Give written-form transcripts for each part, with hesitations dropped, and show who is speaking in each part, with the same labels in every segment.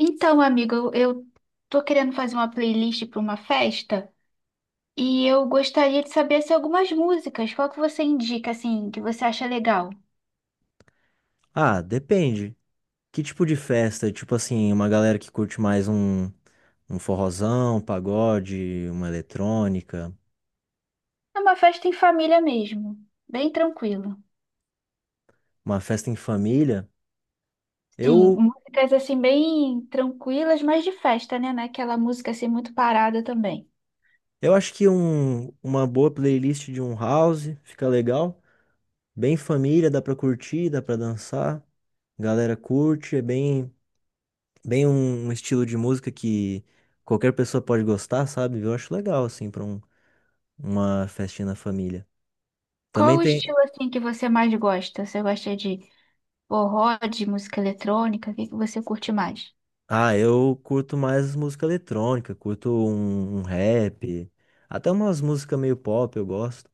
Speaker 1: Então, amigo, eu tô querendo fazer uma playlist para uma festa e eu gostaria de saber se algumas músicas, qual que você indica assim, que você acha legal?
Speaker 2: Ah, depende. Que tipo de festa? Tipo assim, uma galera que curte mais um forrozão, um pagode, uma eletrônica,
Speaker 1: É uma festa em família mesmo, bem tranquilo.
Speaker 2: uma festa em família.
Speaker 1: Sim,
Speaker 2: Eu,
Speaker 1: músicas assim bem tranquilas, mas de festa, né? Não é aquela música assim muito parada também.
Speaker 2: eu acho que uma boa playlist de um house fica legal. Bem família, dá pra curtir, dá pra dançar. Galera curte, é bem um estilo de música que qualquer pessoa pode gostar, sabe? Eu acho legal, assim, pra uma festinha na família.
Speaker 1: Qual
Speaker 2: Também
Speaker 1: o
Speaker 2: tem.
Speaker 1: estilo assim que você mais gosta? Você gosta de forró, de música eletrônica? O que você curte mais?
Speaker 2: Ah, eu curto mais música eletrônica, curto um rap, até umas músicas meio pop eu gosto.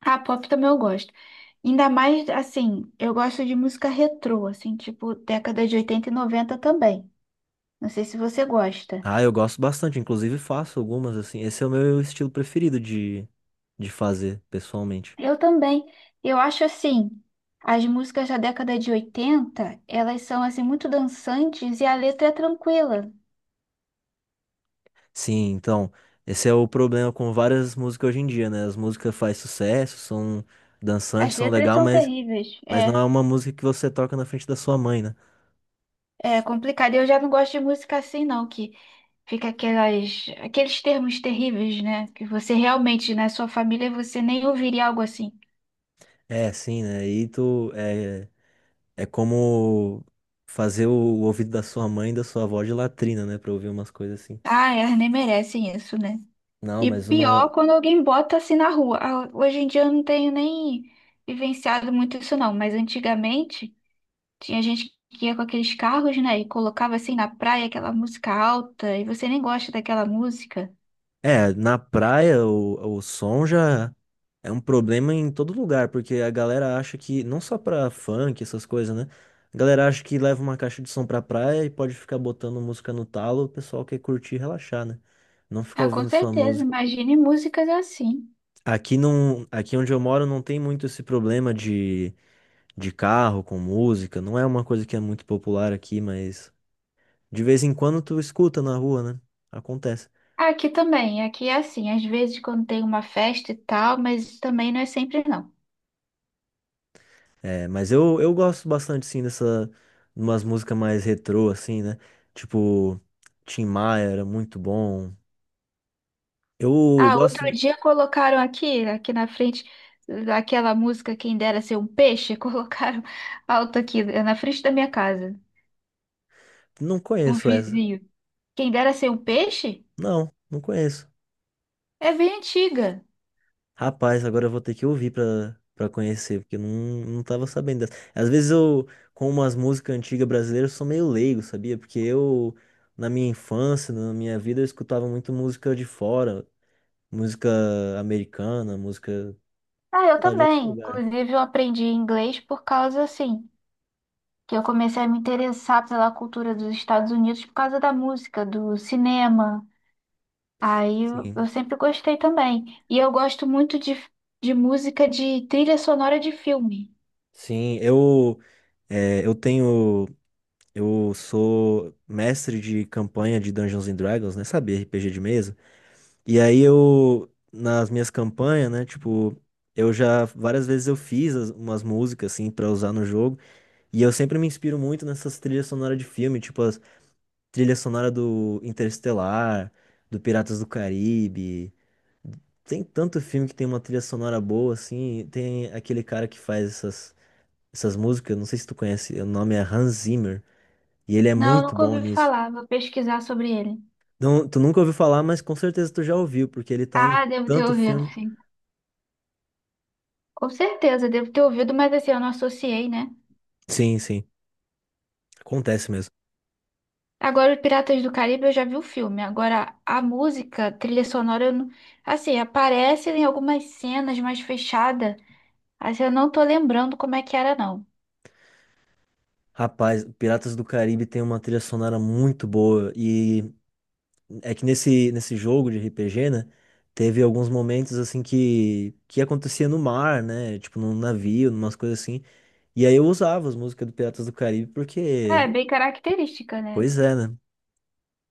Speaker 1: Ah, pop também eu gosto. Ainda mais, assim, eu gosto de música retrô, assim, tipo década de 80 e 90 também. Não sei se você gosta.
Speaker 2: Ah, eu gosto bastante, inclusive faço algumas assim. Esse é o meu estilo preferido de, fazer, pessoalmente.
Speaker 1: Eu também. Eu acho, assim, as músicas da década de 80, elas são, assim, muito dançantes e a letra é tranquila.
Speaker 2: Sim, então, esse é o problema com várias músicas hoje em dia, né? As músicas fazem sucesso, são dançantes,
Speaker 1: As
Speaker 2: são
Speaker 1: letras
Speaker 2: legal,
Speaker 1: são
Speaker 2: mas,
Speaker 1: terríveis.
Speaker 2: mas não
Speaker 1: É,
Speaker 2: é uma música que você toca na frente da sua mãe, né?
Speaker 1: é complicado. Eu já não gosto de música assim, não, que fica aquelas, aqueles termos terríveis, né? Que você realmente, na sua família, você nem ouviria algo assim.
Speaker 2: É, sim, né? E tu, é como fazer o, ouvido da sua mãe e da sua avó de latrina, né? Pra ouvir umas coisas assim.
Speaker 1: Ah, elas nem merecem isso, né?
Speaker 2: Não,
Speaker 1: E
Speaker 2: mas
Speaker 1: pior
Speaker 2: uma.
Speaker 1: quando alguém bota assim na rua. Ah, hoje em dia eu não tenho nem vivenciado muito isso não, mas antigamente tinha gente que ia com aqueles carros, né, e colocava assim na praia aquela música alta e você nem gosta daquela música.
Speaker 2: É, na praia o som já é um problema em todo lugar, porque a galera acha que, não só pra funk, essas coisas, né? A galera acha que leva uma caixa de som pra praia e pode ficar botando música no talo, o pessoal quer curtir e relaxar, né? Não ficar
Speaker 1: Ah, com
Speaker 2: ouvindo sua
Speaker 1: certeza,
Speaker 2: música.
Speaker 1: imagine músicas assim.
Speaker 2: Aqui não, aqui onde eu moro não tem muito esse problema de, carro com música, não é uma coisa que é muito popular aqui, mas. De vez em quando tu escuta na rua, né? Acontece.
Speaker 1: Aqui também, aqui é assim, às vezes quando tem uma festa e tal, mas também não é sempre não.
Speaker 2: É, mas eu gosto bastante, sim, dessa. Umas músicas mais retrô, assim, né? Tipo, Tim Maia era muito bom. Eu
Speaker 1: Ah,
Speaker 2: gosto
Speaker 1: outro
Speaker 2: de...
Speaker 1: dia colocaram aqui, aqui na frente, aquela música Quem Dera Ser um Peixe, colocaram alto aqui, na frente da minha casa,
Speaker 2: Não
Speaker 1: um
Speaker 2: conheço essa.
Speaker 1: vizinho. Quem Dera Ser um Peixe?
Speaker 2: Não, não conheço.
Speaker 1: É bem antiga.
Speaker 2: Rapaz, agora eu vou ter que ouvir pra, conhecer, porque eu não tava sabendo dessa. Às vezes eu, com umas músicas antigas brasileiras, eu sou meio leigo, sabia? Porque eu, na minha infância, na minha vida, eu escutava muito música de fora. Música americana, música,
Speaker 1: Ah,
Speaker 2: sei
Speaker 1: eu
Speaker 2: lá, de outro
Speaker 1: também.
Speaker 2: lugar.
Speaker 1: Inclusive, eu aprendi inglês por causa, assim, que eu comecei a me interessar pela cultura dos Estados Unidos por causa da música, do cinema. Aí eu,
Speaker 2: Sim.
Speaker 1: eu sempre gostei também. E eu gosto muito de música de trilha sonora de filme.
Speaker 2: Sim, eu, é, eu tenho, eu sou mestre de campanha de Dungeons and Dragons, né? Sabe, RPG de mesa. E aí eu, nas minhas campanhas, né, tipo, eu já, várias vezes eu fiz umas músicas, assim, pra usar no jogo. E eu sempre me inspiro muito nessas trilhas sonoras de filme, tipo as trilhas sonoras do Interestelar, do Piratas do Caribe. Tem tanto filme que tem uma trilha sonora boa, assim. Tem aquele cara que faz essas, músicas, não sei se tu conhece, o nome é Hans Zimmer, e ele é
Speaker 1: Não,
Speaker 2: muito
Speaker 1: nunca
Speaker 2: bom
Speaker 1: ouvi
Speaker 2: nisso.
Speaker 1: falar. Vou pesquisar sobre ele.
Speaker 2: Não, tu nunca ouviu falar, mas com certeza tu já ouviu, porque ele tá em
Speaker 1: Ah, devo ter
Speaker 2: tanto
Speaker 1: ouvido,
Speaker 2: filme.
Speaker 1: sim. Com certeza, devo ter ouvido, mas assim, eu não associei, né?
Speaker 2: Sim, sim, acontece mesmo.
Speaker 1: Agora, o Piratas do Caribe, eu já vi o filme. Agora, a música, trilha sonora, eu não, assim, aparece em algumas cenas mais fechada. Assim, eu não tô lembrando como é que era, não.
Speaker 2: Rapaz, Piratas do Caribe tem uma trilha sonora muito boa, e é que nesse, jogo de RPG, né, teve alguns momentos, assim, que acontecia no mar, né, tipo num navio, umas coisas assim. E aí eu usava as músicas do Piratas do Caribe porque,
Speaker 1: É, bem característica, né?
Speaker 2: pois é, né?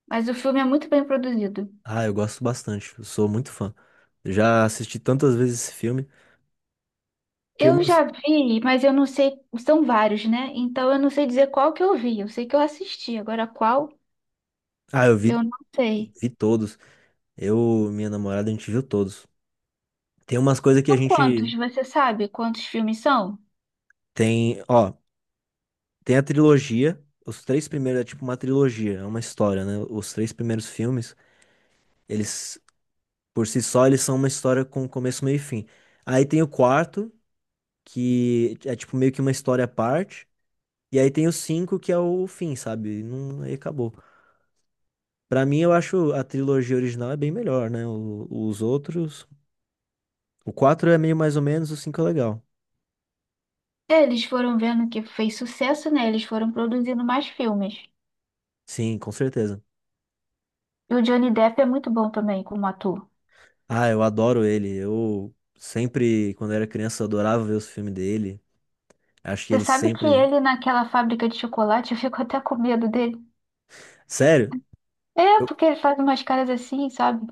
Speaker 1: Mas o filme é muito bem produzido.
Speaker 2: Ah, eu gosto bastante, eu sou muito fã. Já assisti tantas vezes esse filme. Tem
Speaker 1: Eu
Speaker 2: umas.
Speaker 1: já vi, mas eu não sei, são vários, né? Então eu não sei dizer qual que eu vi. Eu sei que eu assisti, agora qual,
Speaker 2: Ah, eu vi,
Speaker 1: eu não sei.
Speaker 2: vi todos. Eu, minha namorada, a gente viu todos. Tem umas coisas que a
Speaker 1: São
Speaker 2: gente
Speaker 1: quantos? Você sabe quantos filmes são?
Speaker 2: tem, ó, tem a trilogia. Os três primeiros é tipo uma trilogia, é uma história, né? Os três primeiros filmes, eles, por si só, eles são uma história com começo, meio e fim. Aí tem o quarto, que é tipo meio que uma história à parte. E aí tem o 5 que é o fim, sabe? Não, aí acabou. Pra mim, eu acho a trilogia original é bem melhor, né? Os outros. O 4 é meio mais ou menos, o cinco é legal.
Speaker 1: É, eles foram vendo que fez sucesso, né? Eles foram produzindo mais filmes.
Speaker 2: Sim, com certeza.
Speaker 1: E o Johnny Depp é muito bom também como ator.
Speaker 2: Ah, eu adoro ele. Eu sempre, quando era criança, eu adorava ver os filmes dele. Acho que
Speaker 1: Você
Speaker 2: ele
Speaker 1: sabe que
Speaker 2: sempre.
Speaker 1: ele naquela fábrica de chocolate, eu fico até com medo dele.
Speaker 2: Sério?
Speaker 1: É,
Speaker 2: Eu-
Speaker 1: porque ele faz umas caras assim, sabe?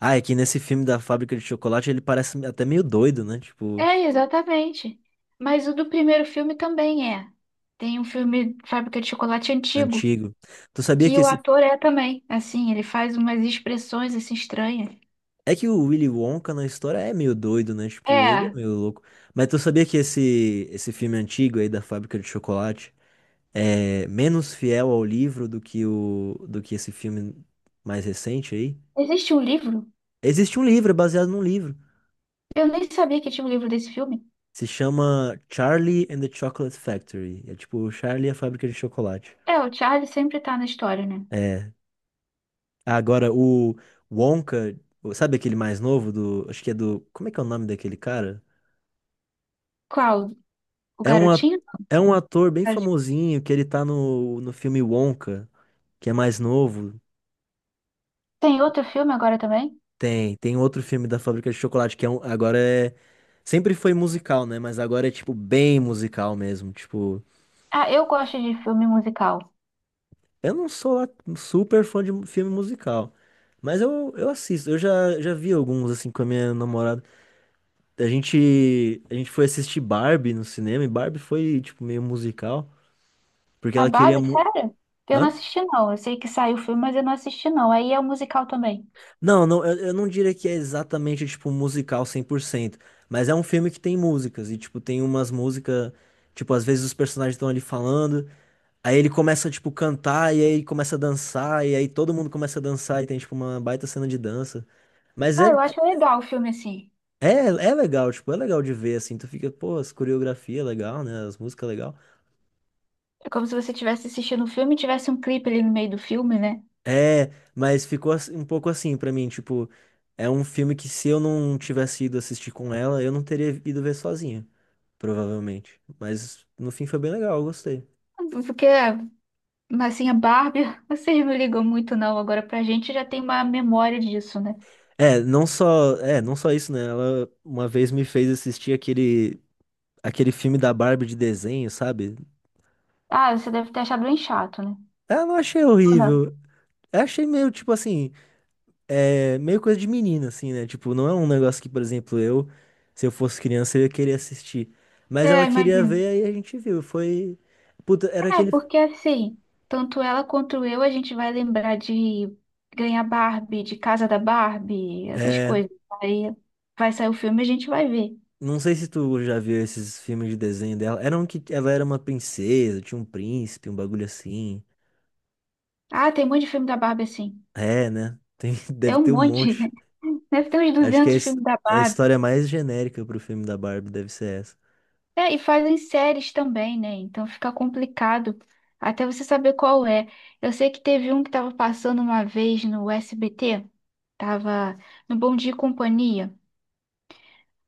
Speaker 2: Ah, é que nesse filme da fábrica de chocolate ele parece até meio doido, né? Tipo,
Speaker 1: É, exatamente. Mas o do primeiro filme também é. Tem um filme Fábrica de Chocolate antigo,
Speaker 2: antigo. Tu sabia
Speaker 1: que
Speaker 2: que
Speaker 1: o
Speaker 2: esse
Speaker 1: ator é também. Assim, ele faz umas expressões assim estranhas.
Speaker 2: É que o Willy Wonka na história é meio doido, né? Tipo, ele é
Speaker 1: É,
Speaker 2: meio louco. Mas tu sabia que esse, filme antigo aí da Fábrica de Chocolate é menos fiel ao livro do que do que esse filme mais recente aí?
Speaker 1: existe um livro?
Speaker 2: Existe um livro, é baseado num livro.
Speaker 1: Eu nem sabia que tinha um livro desse filme.
Speaker 2: Se chama Charlie and the Chocolate Factory. É tipo Charlie e a Fábrica de Chocolate.
Speaker 1: É, o Charlie sempre tá na história, né?
Speaker 2: É. Ah, agora, o Wonka, sabe aquele mais novo do. Acho que é do. Como é que é o nome daquele cara?
Speaker 1: Qual? O
Speaker 2: É um, a-
Speaker 1: Garotinho?
Speaker 2: é um ator bem famosinho que ele tá no, filme Wonka, que é mais novo.
Speaker 1: Tem outro filme agora também?
Speaker 2: Tem outro filme da Fábrica de Chocolate que é agora é sempre foi musical, né? Mas agora é tipo bem musical mesmo, tipo,
Speaker 1: Ah, eu gosto de filme musical.
Speaker 2: eu não sou lá super fã de filme musical, mas eu, assisto. Eu já vi alguns assim com a minha namorada. A gente foi assistir Barbie no cinema e Barbie foi tipo meio musical, porque
Speaker 1: A
Speaker 2: ela queria
Speaker 1: Barbie,
Speaker 2: mu-
Speaker 1: sério? Eu não
Speaker 2: Hã?
Speaker 1: assisti, não. Eu sei que saiu o filme, mas eu não assisti, não. Aí é o musical também.
Speaker 2: Não, não, eu não diria que é exatamente, tipo, musical 100%, mas é um filme que tem músicas, e, tipo, tem umas músicas, tipo, às vezes os personagens estão ali falando, aí ele começa, tipo, cantar, e aí começa a dançar, e aí todo mundo começa a dançar, e tem, tipo, uma baita cena de dança. Mas
Speaker 1: Ah,
Speaker 2: é,
Speaker 1: eu acho legal o filme assim.
Speaker 2: é, é legal, tipo, é legal de ver, assim, tu fica, pô, as coreografia é legal, né, as músicas é legal.
Speaker 1: É como se você estivesse assistindo o filme e tivesse um clipe ali no meio do filme, né?
Speaker 2: É, mas ficou um pouco assim pra mim, tipo, é um filme que se eu não tivesse ido assistir com ela, eu não teria ido ver sozinho, provavelmente. Mas no fim foi bem legal, eu gostei.
Speaker 1: Porque, assim, a Barbie, vocês não ligam muito, não. Agora, pra gente já tem uma memória disso, né?
Speaker 2: É, não só, não só isso, né? Ela uma vez me fez assistir aquele filme da Barbie de desenho, sabe?
Speaker 1: Ah, você deve ter achado bem chato, né?
Speaker 2: Ah, não achei
Speaker 1: Ou não?
Speaker 2: horrível. Eu achei meio tipo assim, é meio coisa de menina, assim, né? Tipo, não é um negócio que, por exemplo, se eu fosse criança, eu ia querer assistir. Mas
Speaker 1: É,
Speaker 2: ela queria
Speaker 1: imagino.
Speaker 2: ver, aí a gente viu. Foi. Puta, era
Speaker 1: É,
Speaker 2: aquele.
Speaker 1: porque assim, tanto ela quanto eu, a gente vai lembrar de ganhar Barbie, de Casa da Barbie, essas
Speaker 2: É.
Speaker 1: coisas. Aí vai sair o filme e a gente vai ver.
Speaker 2: Não sei se tu já viu esses filmes de desenho dela. Era um que ela era uma princesa, tinha um príncipe, um bagulho assim.
Speaker 1: Ah, tem um monte de filme da Barbie assim.
Speaker 2: É, né? Tem,
Speaker 1: É
Speaker 2: deve
Speaker 1: um
Speaker 2: ter um
Speaker 1: monte.
Speaker 2: monte.
Speaker 1: Deve ter uns
Speaker 2: Acho que é a
Speaker 1: 200
Speaker 2: his-
Speaker 1: filmes da
Speaker 2: é a
Speaker 1: Barbie.
Speaker 2: história mais genérica pro filme da Barbie deve ser essa.
Speaker 1: É, e fazem séries também, né? Então fica complicado até você saber qual é. Eu sei que teve um que tava passando uma vez no SBT, tava no Bom Dia e Companhia.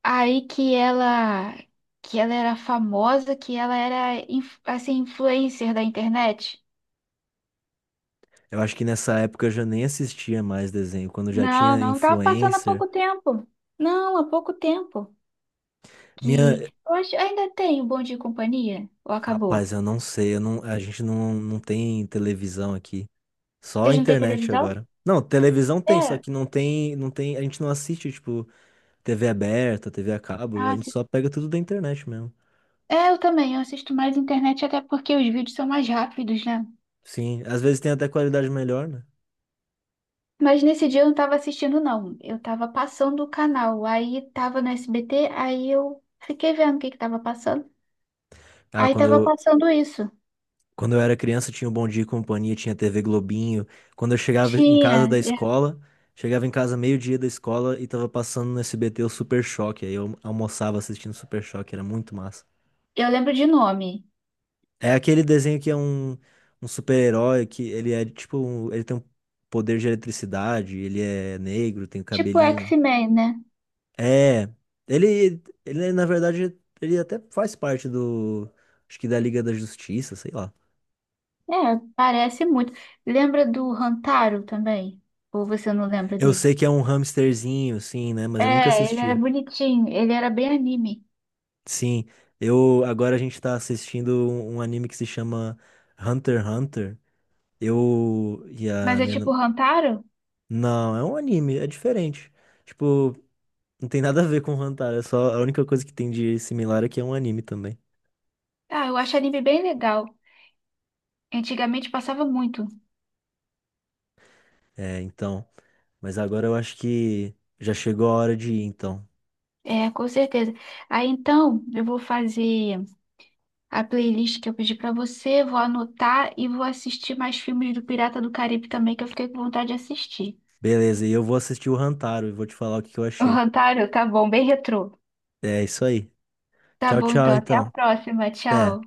Speaker 1: Aí que ela era famosa, que ela era assim influencer da internet.
Speaker 2: Eu acho que nessa época eu já nem assistia mais desenho, quando já
Speaker 1: Não,
Speaker 2: tinha
Speaker 1: não, tava passando há
Speaker 2: influencer.
Speaker 1: pouco tempo. Não, há pouco tempo.
Speaker 2: Minha,
Speaker 1: Que eu acho ainda tem o Bom Dia e Companhia ou
Speaker 2: Rapaz,
Speaker 1: acabou?
Speaker 2: eu não sei, eu não, a gente não tem televisão aqui. Só a
Speaker 1: Vocês não têm
Speaker 2: internet
Speaker 1: televisão?
Speaker 2: agora. Não, televisão tem, só
Speaker 1: É,
Speaker 2: que não tem, a gente não assiste, tipo, TV aberta, TV a cabo, a
Speaker 1: ah,
Speaker 2: gente
Speaker 1: se-
Speaker 2: só pega tudo da internet mesmo.
Speaker 1: é, eu também, eu assisto mais internet até porque os vídeos são mais rápidos, né?
Speaker 2: Sim, às vezes tem até qualidade melhor, né?
Speaker 1: Mas nesse dia eu não tava assistindo não. Eu tava passando o canal. Aí tava no SBT, aí eu fiquei vendo o que que tava passando.
Speaker 2: Ah,
Speaker 1: Aí
Speaker 2: quando
Speaker 1: tava
Speaker 2: eu,
Speaker 1: passando isso.
Speaker 2: quando eu era criança tinha o Bom Dia e Companhia, tinha TV Globinho. Quando eu chegava em casa
Speaker 1: Tinha,
Speaker 2: da
Speaker 1: eu
Speaker 2: escola, chegava em casa meio-dia da escola e tava passando no SBT o Super Choque, aí eu almoçava assistindo Super Choque, era muito massa.
Speaker 1: eu lembro de nome.
Speaker 2: É aquele desenho que é um super-herói que ele é Ele tem um poder de eletricidade, ele é negro, tem o
Speaker 1: Tipo
Speaker 2: cabelinho.
Speaker 1: X-Men, né?
Speaker 2: É. Ele, na verdade, ele até faz parte do. Acho que da Liga da Justiça, sei lá.
Speaker 1: É, parece muito. Lembra do Hantaro também? Ou você não lembra
Speaker 2: Eu
Speaker 1: dele?
Speaker 2: sei que é um hamsterzinho, sim, né? Mas eu nunca
Speaker 1: É, ele era
Speaker 2: assisti.
Speaker 1: bonitinho, ele era bem anime.
Speaker 2: Sim, eu. Agora a gente tá assistindo um anime que se chama Hunter x Hunter. Eu. E
Speaker 1: Mas
Speaker 2: a
Speaker 1: é
Speaker 2: minha.
Speaker 1: tipo
Speaker 2: Nam-
Speaker 1: Hantaro?
Speaker 2: Não, é um anime, é diferente. Tipo. Não tem nada a ver com Hantaro, é só a única coisa que tem de similar é que é um anime também.
Speaker 1: Ah, eu acho anime bem legal. Antigamente passava muito.
Speaker 2: É, então. Mas agora eu acho que já chegou a hora de ir, então.
Speaker 1: É, com certeza. Aí então, eu vou fazer a playlist que eu pedi pra você, vou anotar e vou assistir mais filmes do Pirata do Caribe também, que eu fiquei com vontade de assistir.
Speaker 2: Beleza, e eu vou assistir o Hantaro e vou te falar o que que eu
Speaker 1: O
Speaker 2: achei.
Speaker 1: Hantaro, tá bom, bem retrô.
Speaker 2: É isso aí.
Speaker 1: Tá
Speaker 2: Tchau,
Speaker 1: bom, então.
Speaker 2: tchau,
Speaker 1: Até a
Speaker 2: então.
Speaker 1: próxima.
Speaker 2: Até.
Speaker 1: Tchau.